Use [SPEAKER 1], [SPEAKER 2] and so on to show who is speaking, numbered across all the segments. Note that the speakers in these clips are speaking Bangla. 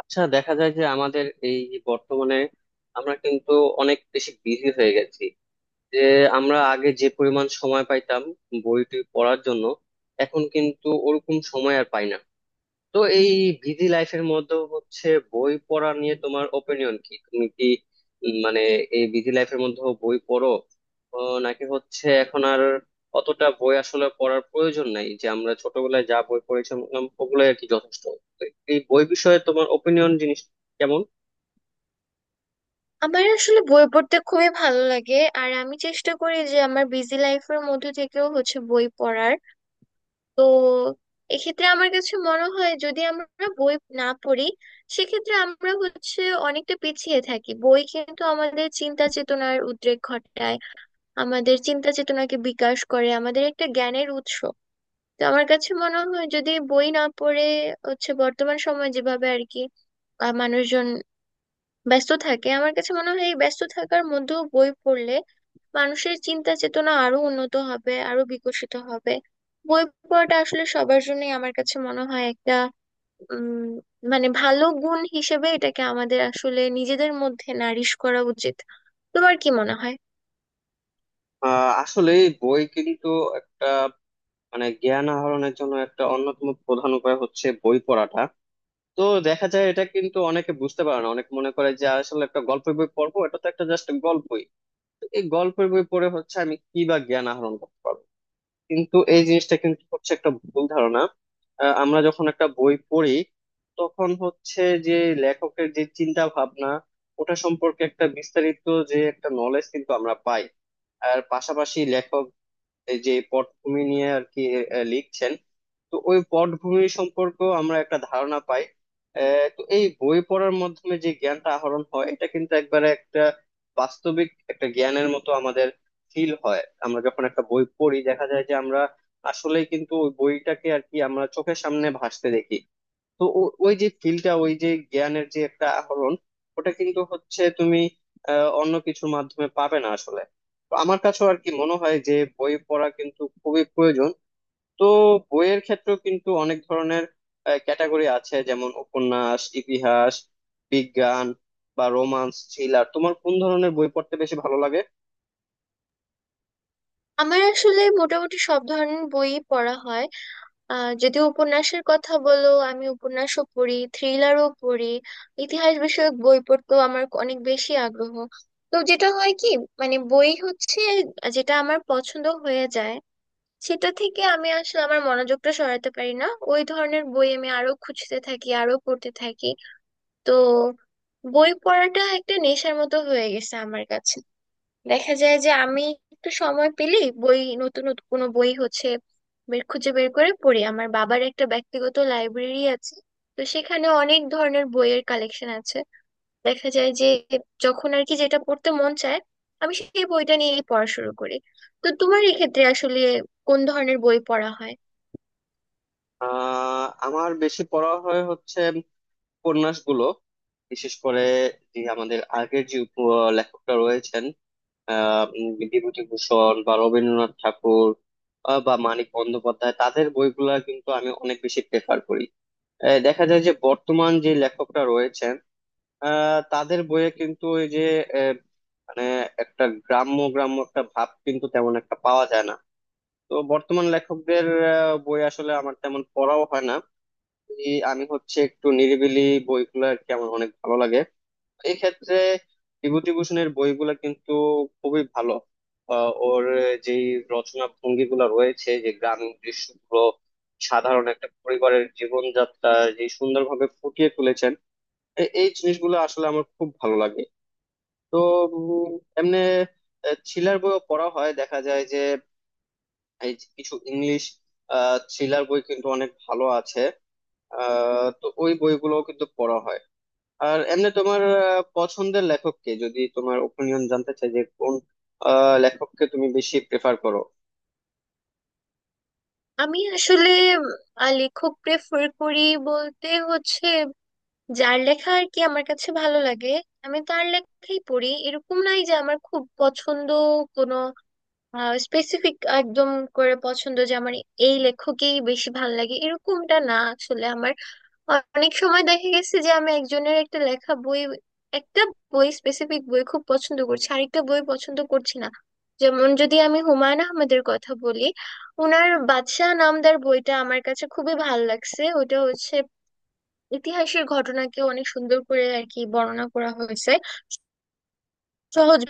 [SPEAKER 1] আচ্ছা, দেখা যায় যে আমাদের এই যে বর্তমানে আমরা কিন্তু অনেক বেশি বিজি হয়ে গেছি, যে আমরা আগে যে পরিমাণ সময় পাইতাম বইটি পড়ার জন্য এখন কিন্তু ওরকম সময় আর পাই না। তো এই বিজি লাইফের মধ্যেও হচ্ছে, বই পড়া নিয়ে তোমার ওপিনিয়ন কি, তুমি কি মানে এই বিজি লাইফের মধ্যেও বই পড়ো, ও, নাকি হচ্ছে এখন আর অতটা বই আসলে পড়ার প্রয়োজন নাই, যে আমরা ছোটবেলায় যা বই পড়েছিলাম ওগুলোই আর কি যথেষ্ট। তো এই বই বিষয়ে তোমার ওপিনিয়ন জিনিস কেমন?
[SPEAKER 2] আমার আসলে বই পড়তে খুবই ভালো লাগে। আর আমি চেষ্টা করি যে আমার বিজি লাইফের মধ্যে থেকেও হচ্ছে বই পড়ার। তো এক্ষেত্রে আমার কাছে মনে হয় যদি আমরা বই না পড়ি, সেক্ষেত্রে আমরা হচ্ছে অনেকটা পিছিয়ে থাকি। বই কিন্তু আমাদের চিন্তা চেতনার উদ্রেক ঘটায়, আমাদের চিন্তা চেতনাকে বিকাশ করে, আমাদের একটা জ্ঞানের উৎস। তো আমার কাছে মনে হয় যদি বই না পড়ে হচ্ছে বর্তমান সময় যেভাবে আর কি মানুষজন ব্যস্ত থাকে, আমার কাছে মনে হয় এই ব্যস্ত থাকার মধ্যেও বই পড়লে মানুষের চিন্তা চেতনা আরো উন্নত হবে, আরো বিকশিত হবে। বই পড়াটা আসলে সবার জন্যই আমার কাছে মনে হয় একটা উম মানে ভালো গুণ হিসেবে এটাকে আমাদের আসলে নিজেদের মধ্যে নারিশ করা উচিত। তোমার কি মনে হয়?
[SPEAKER 1] আসলে বই কিন্তু একটা, মানে জ্ঞান আহরণের জন্য একটা অন্যতম প্রধান উপায় হচ্ছে বই পড়াটা। তো দেখা যায় এটা কিন্তু অনেকে বুঝতে পারে না, অনেকে মনে করে যে আসলে একটা গল্পের বই পড়বো, এটা তো একটা জাস্ট গল্পই। তো এই গল্পের বই পড়ে হচ্ছে আমি কি বা জ্ঞান আহরণ করতে পারবো, কিন্তু এই জিনিসটা কিন্তু হচ্ছে একটা ভুল ধারণা। আমরা যখন একটা বই পড়ি তখন হচ্ছে যে, লেখকের যে চিন্তা ভাবনা, ওটা সম্পর্কে একটা বিস্তারিত যে একটা নলেজ কিন্তু আমরা পাই। আর পাশাপাশি লেখক এই যে পটভূমি নিয়ে আর কি লিখছেন, তো ওই পটভূমি সম্পর্ক আমরা একটা ধারণা পাই। তো এই বই পড়ার মাধ্যমে যে জ্ঞানটা আহরণ হয় এটা কিন্তু একবারে একটা বাস্তবিক একটা জ্ঞানের মতো আমাদের ফিল হয়। আমরা যখন একটা বই পড়ি দেখা যায় যে আমরা আসলেই কিন্তু ওই বইটাকে আর কি আমরা চোখের সামনে ভাসতে দেখি। তো ওই যে ফিলটা, ওই যে জ্ঞানের যে একটা আহরণ, ওটা কিন্তু হচ্ছে তুমি অন্য কিছুর মাধ্যমে পাবে না আসলে। তো আমার কাছেও আর কি মনে হয় যে বই পড়া কিন্তু খুবই প্রয়োজন। তো বইয়ের ক্ষেত্রেও কিন্তু অনেক ধরনের ক্যাটাগরি আছে, যেমন উপন্যাস, ইতিহাস, বিজ্ঞান, বা রোমান্স, থ্রিলার। তোমার কোন ধরনের বই পড়তে বেশি ভালো লাগে?
[SPEAKER 2] আমার আসলে মোটামুটি সব ধরনের বই পড়া হয়। আহ যদি উপন্যাসের কথা বলো, আমি উপন্যাসও পড়ি, থ্রিলারও পড়ি, ইতিহাস বিষয়ক বই পড়তেও আমার অনেক বেশি আগ্রহ। তো যেটা হয় কি, মানে বই হচ্ছে যেটা আমার পছন্দ হয়ে যায়, সেটা থেকে আমি আসলে আমার মনোযোগটা সরাতে পারি না। ওই ধরনের বই আমি আরো খুঁজতে থাকি, আরো পড়তে থাকি। তো বই পড়াটা একটা নেশার মতো হয়ে গেছে আমার কাছে। দেখা যায় যে আমি একটু সময় পেলেই বই, নতুন নতুন কোনো বই হচ্ছে বের খুঁজে বের করে পড়ি। আমার বাবার একটা ব্যক্তিগত লাইব্রেরি আছে, তো সেখানে অনেক ধরনের বইয়ের কালেকশন আছে। দেখা যায় যে যখন আর কি যেটা পড়তে মন চায়, আমি সেই বইটা নিয়েই পড়া শুরু করি। তো তোমার এক্ষেত্রে আসলে কোন ধরনের বই পড়া হয়?
[SPEAKER 1] আমার বেশি পড়া হয় হচ্ছে উপন্যাসগুলো, বিশেষ করে যে আমাদের আগের যে লেখকরা রয়েছেন। বিভূতিভূষণ বা রবীন্দ্রনাথ ঠাকুর, বা মানিক বন্দ্যোপাধ্যায়, তাদের বইগুলা কিন্তু আমি অনেক বেশি প্রেফার করি। দেখা যায় যে বর্তমান যে লেখকরা রয়েছেন, তাদের বইয়ে কিন্তু ওই যে আহ, মানে একটা গ্রাম্য গ্রাম্য একটা ভাব কিন্তু তেমন একটা পাওয়া যায় না। তো বর্তমান লেখকদের বই আসলে আমার তেমন পড়াও হয় না। এই আমি হচ্ছে একটু নিরিবিলি বইগুলো আর কি আমার অনেক ভালো লাগে। এই ক্ষেত্রে বিভূতিভূষণের বইগুলো কিন্তু খুবই ভালো। ওর যে রচনা ভঙ্গি গুলো রয়েছে, যে গ্রামীণ দৃশ্যগুলো, সাধারণ একটা পরিবারের জীবনযাত্রা যে সুন্দরভাবে ফুটিয়ে তুলেছেন, এই জিনিসগুলো আসলে আমার খুব ভালো লাগে। তো উম, এমনি থ্রিলার বইও পড়া হয়, দেখা যায় যে এই যে কিছু ইংলিশ থ্রিলার বই কিন্তু অনেক ভালো আছে। তো ওই বইগুলোও কিন্তু পড়া হয়। আর এমনি তোমার পছন্দের লেখক কে, যদি তোমার ওপিনিয়ন জানতে চাই যে কোন লেখককে তুমি বেশি প্রেফার করো?
[SPEAKER 2] আমি আসলে লেখক প্রেফার করি বলতে হচ্ছে যার লেখা আর কি আমার কাছে ভালো লাগে, আমি তার লেখাই পড়ি। এরকম নাই যে আমার খুব পছন্দ কোনো স্পেসিফিক একদম করে পছন্দ যে আমার এই লেখকেই বেশি ভালো লাগে, এরকমটা না আসলে আমার। অনেক সময় দেখা গেছে যে আমি একজনের একটা লেখা বই, একটা বই স্পেসিফিক বই খুব পছন্দ করছি, আরেকটা বই পছন্দ করছি না। যেমন যদি আমি হুমায়ুন আহমেদের কথা বলি, ওনার বাদশাহ নামদার বইটা আমার কাছে খুবই ভালো লাগছে। ওটা হচ্ছে ইতিহাসের ঘটনাকে অনেক সুন্দর করে আর কি বর্ণনা করা হয়েছে সহজ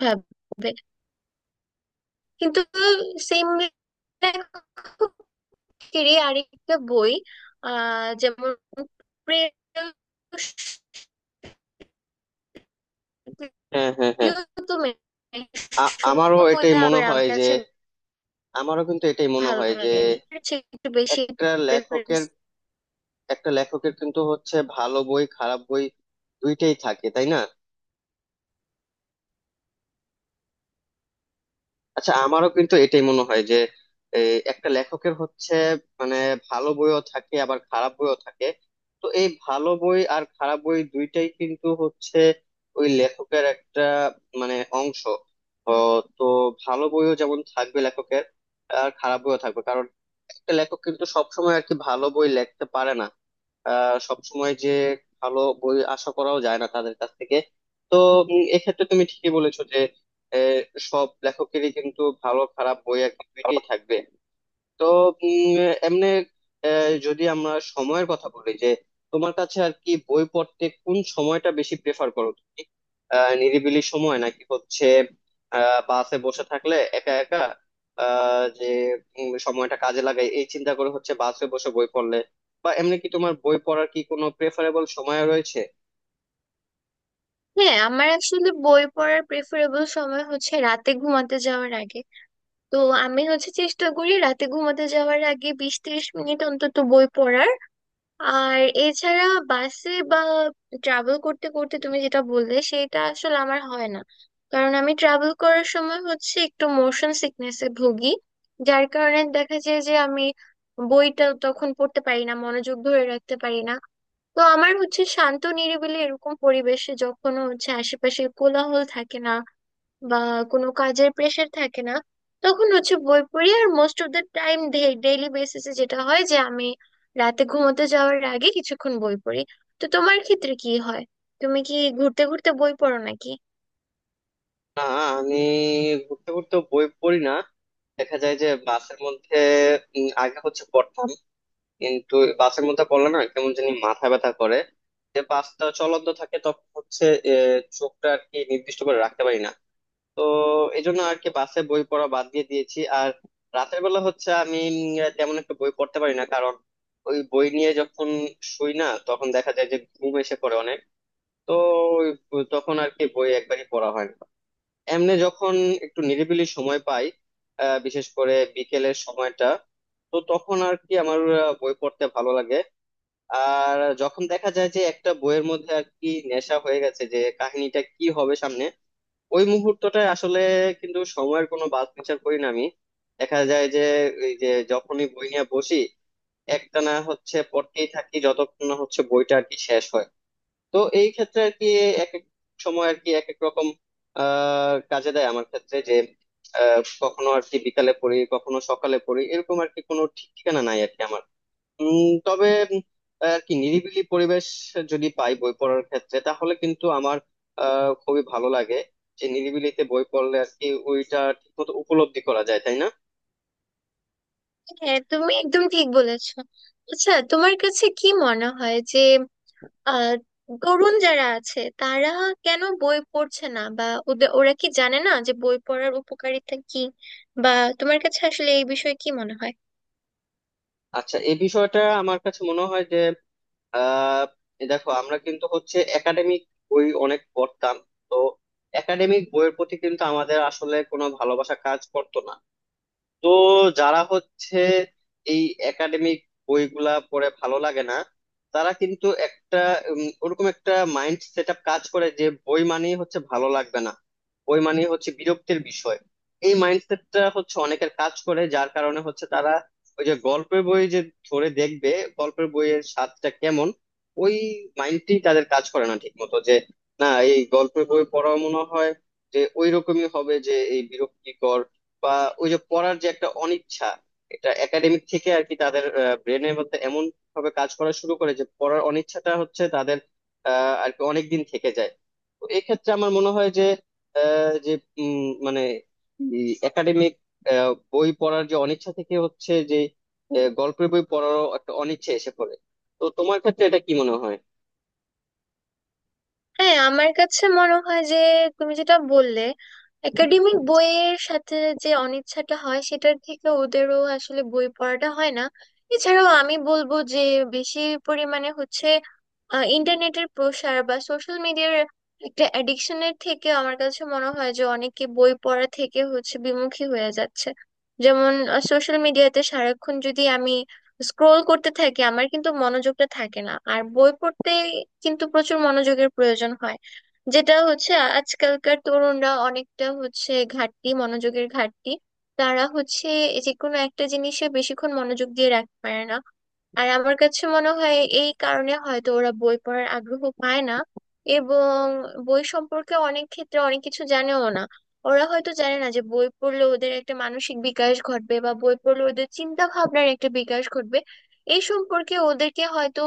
[SPEAKER 2] ভাবে। কিন্তু সেম আরেকটা বই আহ যেমন প্রিয়তম
[SPEAKER 1] হ্যাঁ, হ্যাঁ, হ্যাঁ। আমারও এটাই মনে
[SPEAKER 2] আবার আমার
[SPEAKER 1] হয় যে,
[SPEAKER 2] কাছে
[SPEAKER 1] আমারও কিন্তু এটাই মনে
[SPEAKER 2] ভালো
[SPEAKER 1] হয় যে
[SPEAKER 2] লাগেনি। এর চেয়ে একটু বেশি
[SPEAKER 1] একটা
[SPEAKER 2] প্রেফারেন্স।
[SPEAKER 1] লেখকের, একটা লেখকের কিন্তু হচ্ছে ভালো বই, খারাপ বই, দুইটাই থাকে, তাই না? আচ্ছা, আমারও কিন্তু এটাই মনে হয় যে এই একটা লেখকের হচ্ছে, মানে ভালো বইও থাকে আবার খারাপ বইও থাকে। তো এই ভালো বই আর খারাপ বই দুইটাই কিন্তু হচ্ছে ওই লেখকের একটা, মানে অংশ। ও, তো ভালো বইও যেমন থাকবে লেখকের আর খারাপ বইও থাকবে, কারণ একটা লেখক কিন্তু সবসময় আর কি ভালো বই লিখতে পারে না। সবসময় যে ভালো বই আশা করাও যায় না তাদের কাছ থেকে। তো এক্ষেত্রে তুমি ঠিকই বলেছো। আহ, সব লেখকেরই কিন্তু ভালো খারাপ বই আর কি দুইটাই থাকবে। তো উম, এমনি যদি আমরা সময়ের কথা বলি, যে তোমার কাছে আর কি বই পড়তে কোন সময়টা বেশি প্রেফার করো তুমি, নিরিবিলি সময়, নাকি হচ্ছে বাসে বসে থাকলে একা একা আহ, যে সময়টা কাজে লাগাই এই চিন্তা করে হচ্ছে বাসে বসে বই পড়লে, বা এমনি কি তোমার বই পড়ার কি কোনো প্রেফারেবল সময় রয়েছে?
[SPEAKER 2] হ্যাঁ, আমার আসলে বই পড়ার প্রেফারেবল সময় হচ্ছে রাতে ঘুমাতে যাওয়ার আগে। তো আমি হচ্ছে চেষ্টা করি রাতে ঘুমাতে যাওয়ার আগে 20-30 মিনিট অন্তত বই পড়ার। আর এছাড়া বাসে বা ট্রাভেল করতে করতে তুমি যেটা বললে, সেটা আসলে আমার হয় না। কারণ আমি ট্রাভেল করার সময় হচ্ছে একটু মোশন সিকনেসে ভুগি, যার কারণে দেখা যায় যে আমি বইটা তখন পড়তে পারি না, মনোযোগ ধরে রাখতে পারি না। তো আমার হচ্ছে শান্ত নিরিবিলি এরকম পরিবেশে যখন হচ্ছে আশেপাশে কোলাহল থাকে না বা কোনো কাজের প্রেশার থাকে না, তখন হচ্ছে বই পড়ি। আর most of the time, daily বেসিসে যেটা হয় যে আমি রাতে ঘুমোতে যাওয়ার আগে কিছুক্ষণ বই পড়ি। তো তোমার ক্ষেত্রে কি হয়? তুমি কি ঘুরতে ঘুরতে বই পড়ো নাকি?
[SPEAKER 1] না, আমি ঘুরতে ঘুরতে বই পড়ি না। দেখা যায় যে বাসের মধ্যে আগে হচ্ছে পড়তাম, কিন্তু বাসের মধ্যে পড়লে না কেমন জানি মাথা ব্যথা করে। যে বাসটা চলন্ত থাকে তখন হচ্ছে চোখটা আর কি নির্দিষ্ট করে রাখতে পারি না। তো এই জন্য আর কি বাসে বই পড়া বাদ দিয়ে দিয়েছি। আর রাতের বেলা হচ্ছে আমি তেমন একটা বই পড়তে পারি না, কারণ ওই বই নিয়ে যখন শুই না তখন দেখা যায় যে ঘুম এসে পড়ে অনেক। তো তখন আর কি বই একবারই পড়া হয় না। এমনি যখন একটু নিরিবিলি সময় পাই, বিশেষ করে বিকেলের সময়টা, তো তখন আর কি আমার বই পড়তে ভালো লাগে। আর যখন দেখা যায় যে একটা বইয়ের মধ্যে আর কি নেশা হয়ে গেছে, যে কাহিনীটা কি হবে সামনে, ওই মুহূর্তটায় আসলে কিন্তু সময়ের কোনো বাদ বিচার করি না আমি। দেখা যায় যে এই যে যখনই বই নিয়ে বসি একটানা হচ্ছে পড়তেই থাকি যতক্ষণ না হচ্ছে বইটা আর কি শেষ হয়। তো এই ক্ষেত্রে আর কি এক এক সময় আর কি এক এক রকম কাজে দেয় আমার ক্ষেত্রে, যে কখনো আর কি বিকালে পড়ি কখনো সকালে পড়ি, এরকম আর কি কোনো ঠিক ঠিকানা নাই আর কি আমার। তবে উম, আর কি নিরিবিলি পরিবেশ যদি পাই বই পড়ার ক্ষেত্রে, তাহলে কিন্তু আমার খুবই ভালো লাগে। যে নিরিবিলিতে বই পড়লে আর কি ওইটা ঠিক মতো উপলব্ধি করা যায়, তাই না?
[SPEAKER 2] হ্যাঁ, তুমি একদম ঠিক বলেছো। আচ্ছা, তোমার কাছে কি মনে হয় যে আহ তরুণ যারা আছে তারা কেন বই পড়ছে না, বা ওরা কি জানে না যে বই পড়ার উপকারিতা কি, বা তোমার কাছে আসলে এই বিষয়ে কি মনে হয়?
[SPEAKER 1] আচ্ছা, এই বিষয়টা আমার কাছে মনে হয় যে আহ এই দেখো, আমরা কিন্তু হচ্ছে একাডেমিক বই অনেক পড়তাম। তো একাডেমিক বইয়ের প্রতি কিন্তু আমাদের আসলে কোনো ভালোবাসা কাজ করতো না। তো যারা হচ্ছে এই একাডেমিক বইগুলা পড়ে ভালো লাগে না, তারা কিন্তু একটা ওরকম একটা মাইন্ড সেট আপ কাজ করে যে বই মানেই হচ্ছে ভালো লাগবে না, বই মানেই হচ্ছে বিরক্তির বিষয়। এই মাইন্ডসেটটা হচ্ছে অনেকের কাজ করে, যার কারণে হচ্ছে তারা ওই যে গল্পের বই যে ধরে দেখবে গল্পের বইয়ের স্বাদটা কেমন, ওই মাইন্ডটি তাদের কাজ করে না ঠিক মতো। যে না, এই গল্পের বই পড়া মনে হয় যে ওই রকমই হবে, যে এই বিরক্তিকর, বা ওই যে পড়ার যে একটা অনিচ্ছা, এটা একাডেমিক থেকে আর কি তাদের ব্রেনের মধ্যে এমন ভাবে কাজ করা শুরু করে যে পড়ার অনিচ্ছাটা হচ্ছে তাদের আর কি অনেকদিন থেকে যায়। তো এক্ষেত্রে আমার মনে হয় যে আহ, যে উম, মানে একাডেমিক বই পড়ার যে অনিচ্ছা থেকে হচ্ছে যে গল্পের বই পড়ারও একটা অনিচ্ছা এসে পড়ে। তো তোমার ক্ষেত্রে এটা কি মনে হয়?
[SPEAKER 2] হ্যাঁ, আমার কাছে মনে হয় যে তুমি যেটা বললে একাডেমিক বইয়ের সাথে যে অনিচ্ছাটা হয় সেটার থেকে ওদেরও আসলে বই পড়াটা হয় না। এছাড়াও আমি বলবো যে বেশি পরিমাণে হচ্ছে ইন্টারনেটের প্রসার বা সোশ্যাল মিডিয়ার একটা অ্যাডিকশনের থেকে আমার কাছে মনে হয় যে অনেকে বই পড়া থেকে হচ্ছে বিমুখী হয়ে যাচ্ছে। যেমন সোশ্যাল মিডিয়াতে সারাক্ষণ যদি আমি স্ক্রোল করতে থাকি, আমার কিন্তু মনোযোগটা থাকে না আর। বই পড়তে কিন্তু প্রচুর মনোযোগের প্রয়োজন হয়, যেটা হচ্ছে আজকালকার তরুণরা অনেকটা হচ্ছে ঘাটতি, মনোযোগের ঘাটতি। তারা হচ্ছে যে কোনো একটা জিনিসে বেশিক্ষণ মনোযোগ দিয়ে রাখতে পারে না। আর আমার কাছে মনে হয় এই কারণে হয়তো ওরা বই পড়ার আগ্রহ পায় না এবং বই সম্পর্কে অনেক ক্ষেত্রে অনেক কিছু জানেও না। ওরা হয়তো জানে না যে বই পড়লে ওদের একটা মানসিক বিকাশ ঘটবে বা বই পড়লে ওদের চিন্তা ভাবনার একটা বিকাশ ঘটবে। এই সম্পর্কে ওদেরকে হয়তো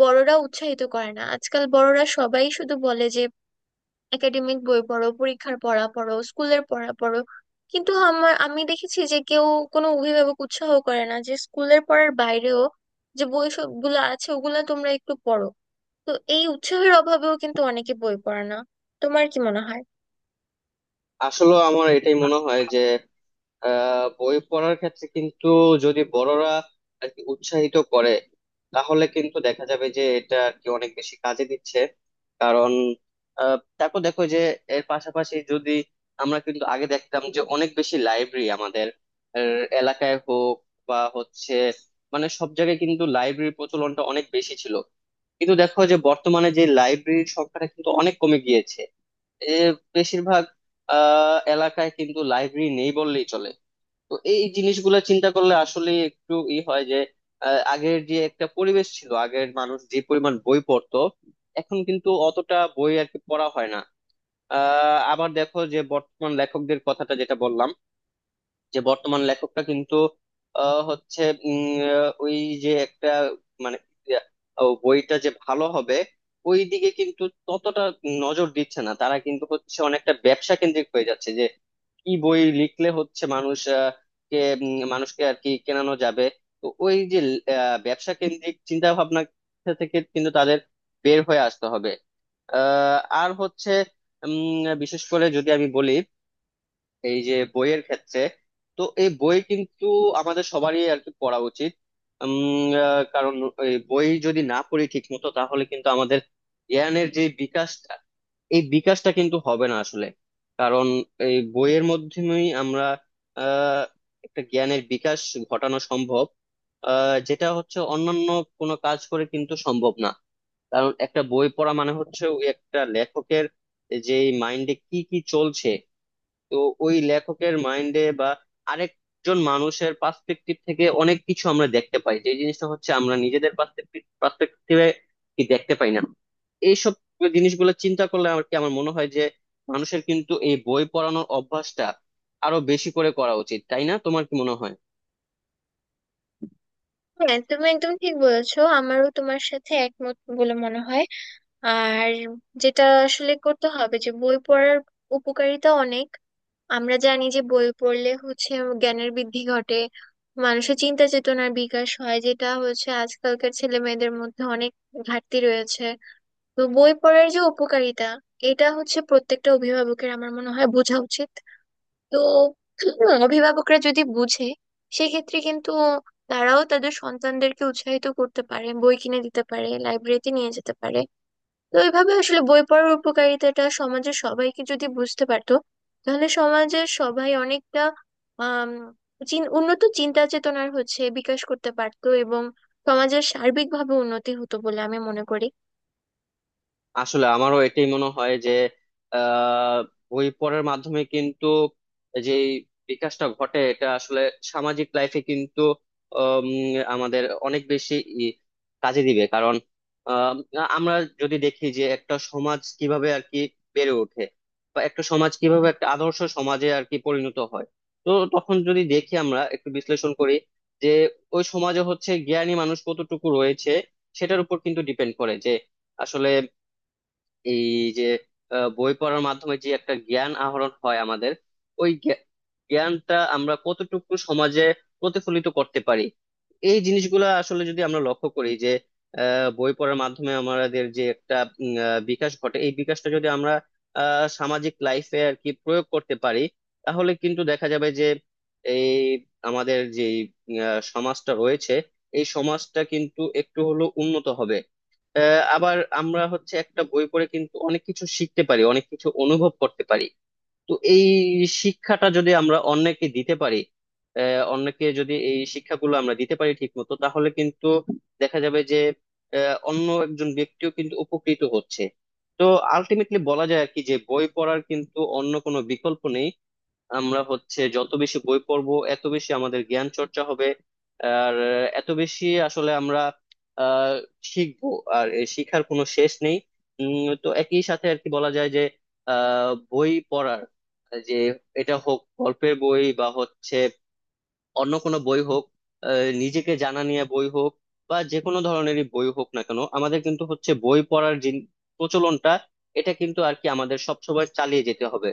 [SPEAKER 2] বড়রা উৎসাহিত করে না। আজকাল বড়রা সবাই শুধু বলে যে একাডেমিক বই পড়ো, পরীক্ষার পড়া পড়ো, স্কুলের পড়া পড়ো। কিন্তু আমার আমি দেখেছি যে কেউ কোনো অভিভাবক উৎসাহ করে না যে স্কুলের পড়ার বাইরেও যে বই সবগুলো আছে ওগুলা তোমরা একটু পড়ো। তো এই উৎসাহের অভাবেও কিন্তু অনেকে বই পড়ে না। তোমার কি মনে হয়?
[SPEAKER 1] আসলে আমার এটাই মনে হয় যে বই পড়ার ক্ষেত্রে কিন্তু, যদি বড়রা আর কি উৎসাহিত করে, তাহলে কিন্তু দেখা যাবে যে এটা আর কি অনেক বেশি কাজে দিচ্ছে। কারণ তারপর দেখো যে এর পাশাপাশি যদি, আমরা কিন্তু আগে দেখতাম যে অনেক বেশি লাইব্রেরি আমাদের এলাকায় হোক বা হচ্ছে মানে সব জায়গায় কিন্তু লাইব্রেরির প্রচলনটা অনেক বেশি ছিল। কিন্তু দেখো যে বর্তমানে যে লাইব্রেরির সংখ্যাটা কিন্তু অনেক কমে গিয়েছে। এ বেশিরভাগ এলাকায় কিন্তু লাইব্রেরি নেই বললেই চলে। তো এই জিনিসগুলো চিন্তা করলে আসলে একটু ই হয়, যে আগের যে একটা পরিবেশ ছিল, আগের মানুষ যে পরিমাণ বই পড়তো, এখন কিন্তু অতটা বই আর কি পড়া হয় না। আবার দেখো যে বর্তমান লেখকদের কথাটা যেটা বললাম, যে বর্তমান লেখকটা কিন্তু হচ্ছে উম, ওই যে একটা, মানে বইটা যে ভালো হবে, ওই দিকে কিন্তু ততটা নজর দিচ্ছে না, তারা কিন্তু হচ্ছে অনেকটা ব্যবসা কেন্দ্রিক হয়ে যাচ্ছে। কি বই লিখলে হচ্ছে মানুষ কে মানুষকে আর কি কেনানো যাবে। তো ওই যে ব্যবসা কেন্দ্রিক চিন্তা ভাবনা থেকে কিন্তু তাদের বের হয়ে আসতে হবে। আর হচ্ছে বিশেষ করে যদি আমি বলি এই যে বইয়ের ক্ষেত্রে, তো এই বই কিন্তু আমাদের সবারই আর কি পড়া উচিত। কারণ এই বই যদি না পড়ি ঠিক মতো, তাহলে কিন্তু আমাদের জ্ঞানের যে বিকাশ, এই বিকাশটা কিন্তু হবে না আসলে। কারণ এই বইয়ের মাধ্যমেই আমরা আহ একটা জ্ঞানের বিকাশ ঘটানো সম্ভব। যেটা হচ্ছে অন্যান্য কোনো কাজ করে কিন্তু সম্ভব না। কারণ একটা বই পড়া মানে হচ্ছে ওই একটা লেখকের যে মাইন্ডে কি কি চলছে। তো ওই লেখকের মাইন্ডে বা আরেকজন মানুষের পার্সপেক্টিভ থেকে অনেক কিছু আমরা দেখতে পাই, যে জিনিসটা হচ্ছে আমরা নিজেদের পার্সপেক্টিভে কি দেখতে পাই না। এইসব জিনিসগুলো চিন্তা করলে আমার মনে হয় যে, মানুষের কিন্তু এই বই পড়ানোর অভ্যাসটা আরো বেশি করে করা উচিত, তাই না? তোমার কি মনে হয়?
[SPEAKER 2] হ্যাঁ, তুমি একদম ঠিক বলেছো। আমারও তোমার সাথে একমত বলে মনে হয়। আর যেটা আসলে করতে হবে যে বই পড়ার উপকারিতা অনেক। আমরা জানি যে বই পড়লে হচ্ছে জ্ঞানের বৃদ্ধি ঘটে, মানুষের চিন্তা চেতনার বিকাশ হয়, যেটা হচ্ছে আজকালকার ছেলে মেয়েদের মধ্যে অনেক ঘাটতি রয়েছে। তো বই পড়ার যে উপকারিতা, এটা হচ্ছে প্রত্যেকটা অভিভাবকের আমার মনে হয় বোঝা উচিত। তো অভিভাবকরা যদি বুঝে, সেক্ষেত্রে কিন্তু তারাও তাদের সন্তানদেরকে উৎসাহিত করতে পারে, বই কিনে দিতে পারে, লাইব্রেরিতে নিয়ে যেতে পারে। তো এইভাবে আসলে বই পড়ার উপকারিতাটা সমাজের সবাইকে যদি বুঝতে পারতো, তাহলে সমাজের সবাই অনেকটা আম, উন্নত চিন্তা চেতনার হচ্ছে বিকাশ করতে পারতো এবং সমাজের সার্বিকভাবে উন্নতি হতো বলে আমি মনে করি।
[SPEAKER 1] আসলে আমারও এটাই মনে হয় যে আহ বই পড়ার মাধ্যমে কিন্তু যে বিকাশটা ঘটে এটা আসলে সামাজিক লাইফে কিন্তু উম, আমাদের অনেক বেশি ই- কাজে দিবে, কারণ আহ, আমরা যদি দেখি যে একটা সমাজ কিভাবে আর কি বেড়ে ওঠে, বা একটা সমাজ কিভাবে একটা আদর্শ সমাজে আর কি পরিণত হয়। তো তখন যদি দেখি আমরা একটু বিশ্লেষণ করি যে ওই সমাজে হচ্ছে জ্ঞানী মানুষ কতটুকু রয়েছে, সেটার উপর কিন্তু ডিপেন্ড করে যে, আসলে এই যে বই পড়ার মাধ্যমে যে একটা জ্ঞান আহরণ হয় আমাদের, ওই জ্ঞা- জ্ঞানটা আমরা কতটুকু সমাজে প্রতিফলিত করতে পারি। এই জিনিসগুলো আসলে যদি আমরা লক্ষ্য করি, যে বই পড়ার মাধ্যমে আমাদের যে একটা বিকাশ ঘটে, এই বিকাশটা যদি আমরা সামাজিক লাইফে আর কি প্রয়োগ করতে পারি, তাহলে কিন্তু দেখা যাবে যে এই আমাদের যে সমাজটা রয়েছে, এই সমাজটা কিন্তু একটু হলেও উন্নত হবে। আবার আমরা হচ্ছে একটা বই পড়ে কিন্তু অনেক কিছু শিখতে পারি, অনেক কিছু অনুভব করতে পারি। তো এই শিক্ষাটা যদি আমরা অন্যকে দিতে পারি, অন্যকে যদি এই শিক্ষাগুলো আমরা দিতে পারি ঠিক মতো, তাহলে কিন্তু দেখা যাবে যে অন্য একজন ব্যক্তিও কিন্তু উপকৃত হচ্ছে। তো আলটিমেটলি বলা যায় আর কি যে বই পড়ার কিন্তু অন্য কোনো বিকল্প নেই। আমরা হচ্ছে যত বেশি বই পড়বো এত বেশি আমাদের জ্ঞান চর্চা হবে, আর এত বেশি আসলে আমরা আহ শিখবো। আর এই শিখার কোনো শেষ নেই। তো একই সাথে আর কি বলা যায় যে, বই পড়ার যে, এটা হোক গল্পের বই বা হচ্ছে অন্য কোনো বই হোক, আহ, নিজেকে জানা নিয়ে বই হোক বা যে কোনো ধরনেরই বই হোক না কেন, আমাদের কিন্তু হচ্ছে বই পড়ার যে প্রচলনটা এটা কিন্তু আর কি আমাদের সবসময় চালিয়ে যেতে হবে।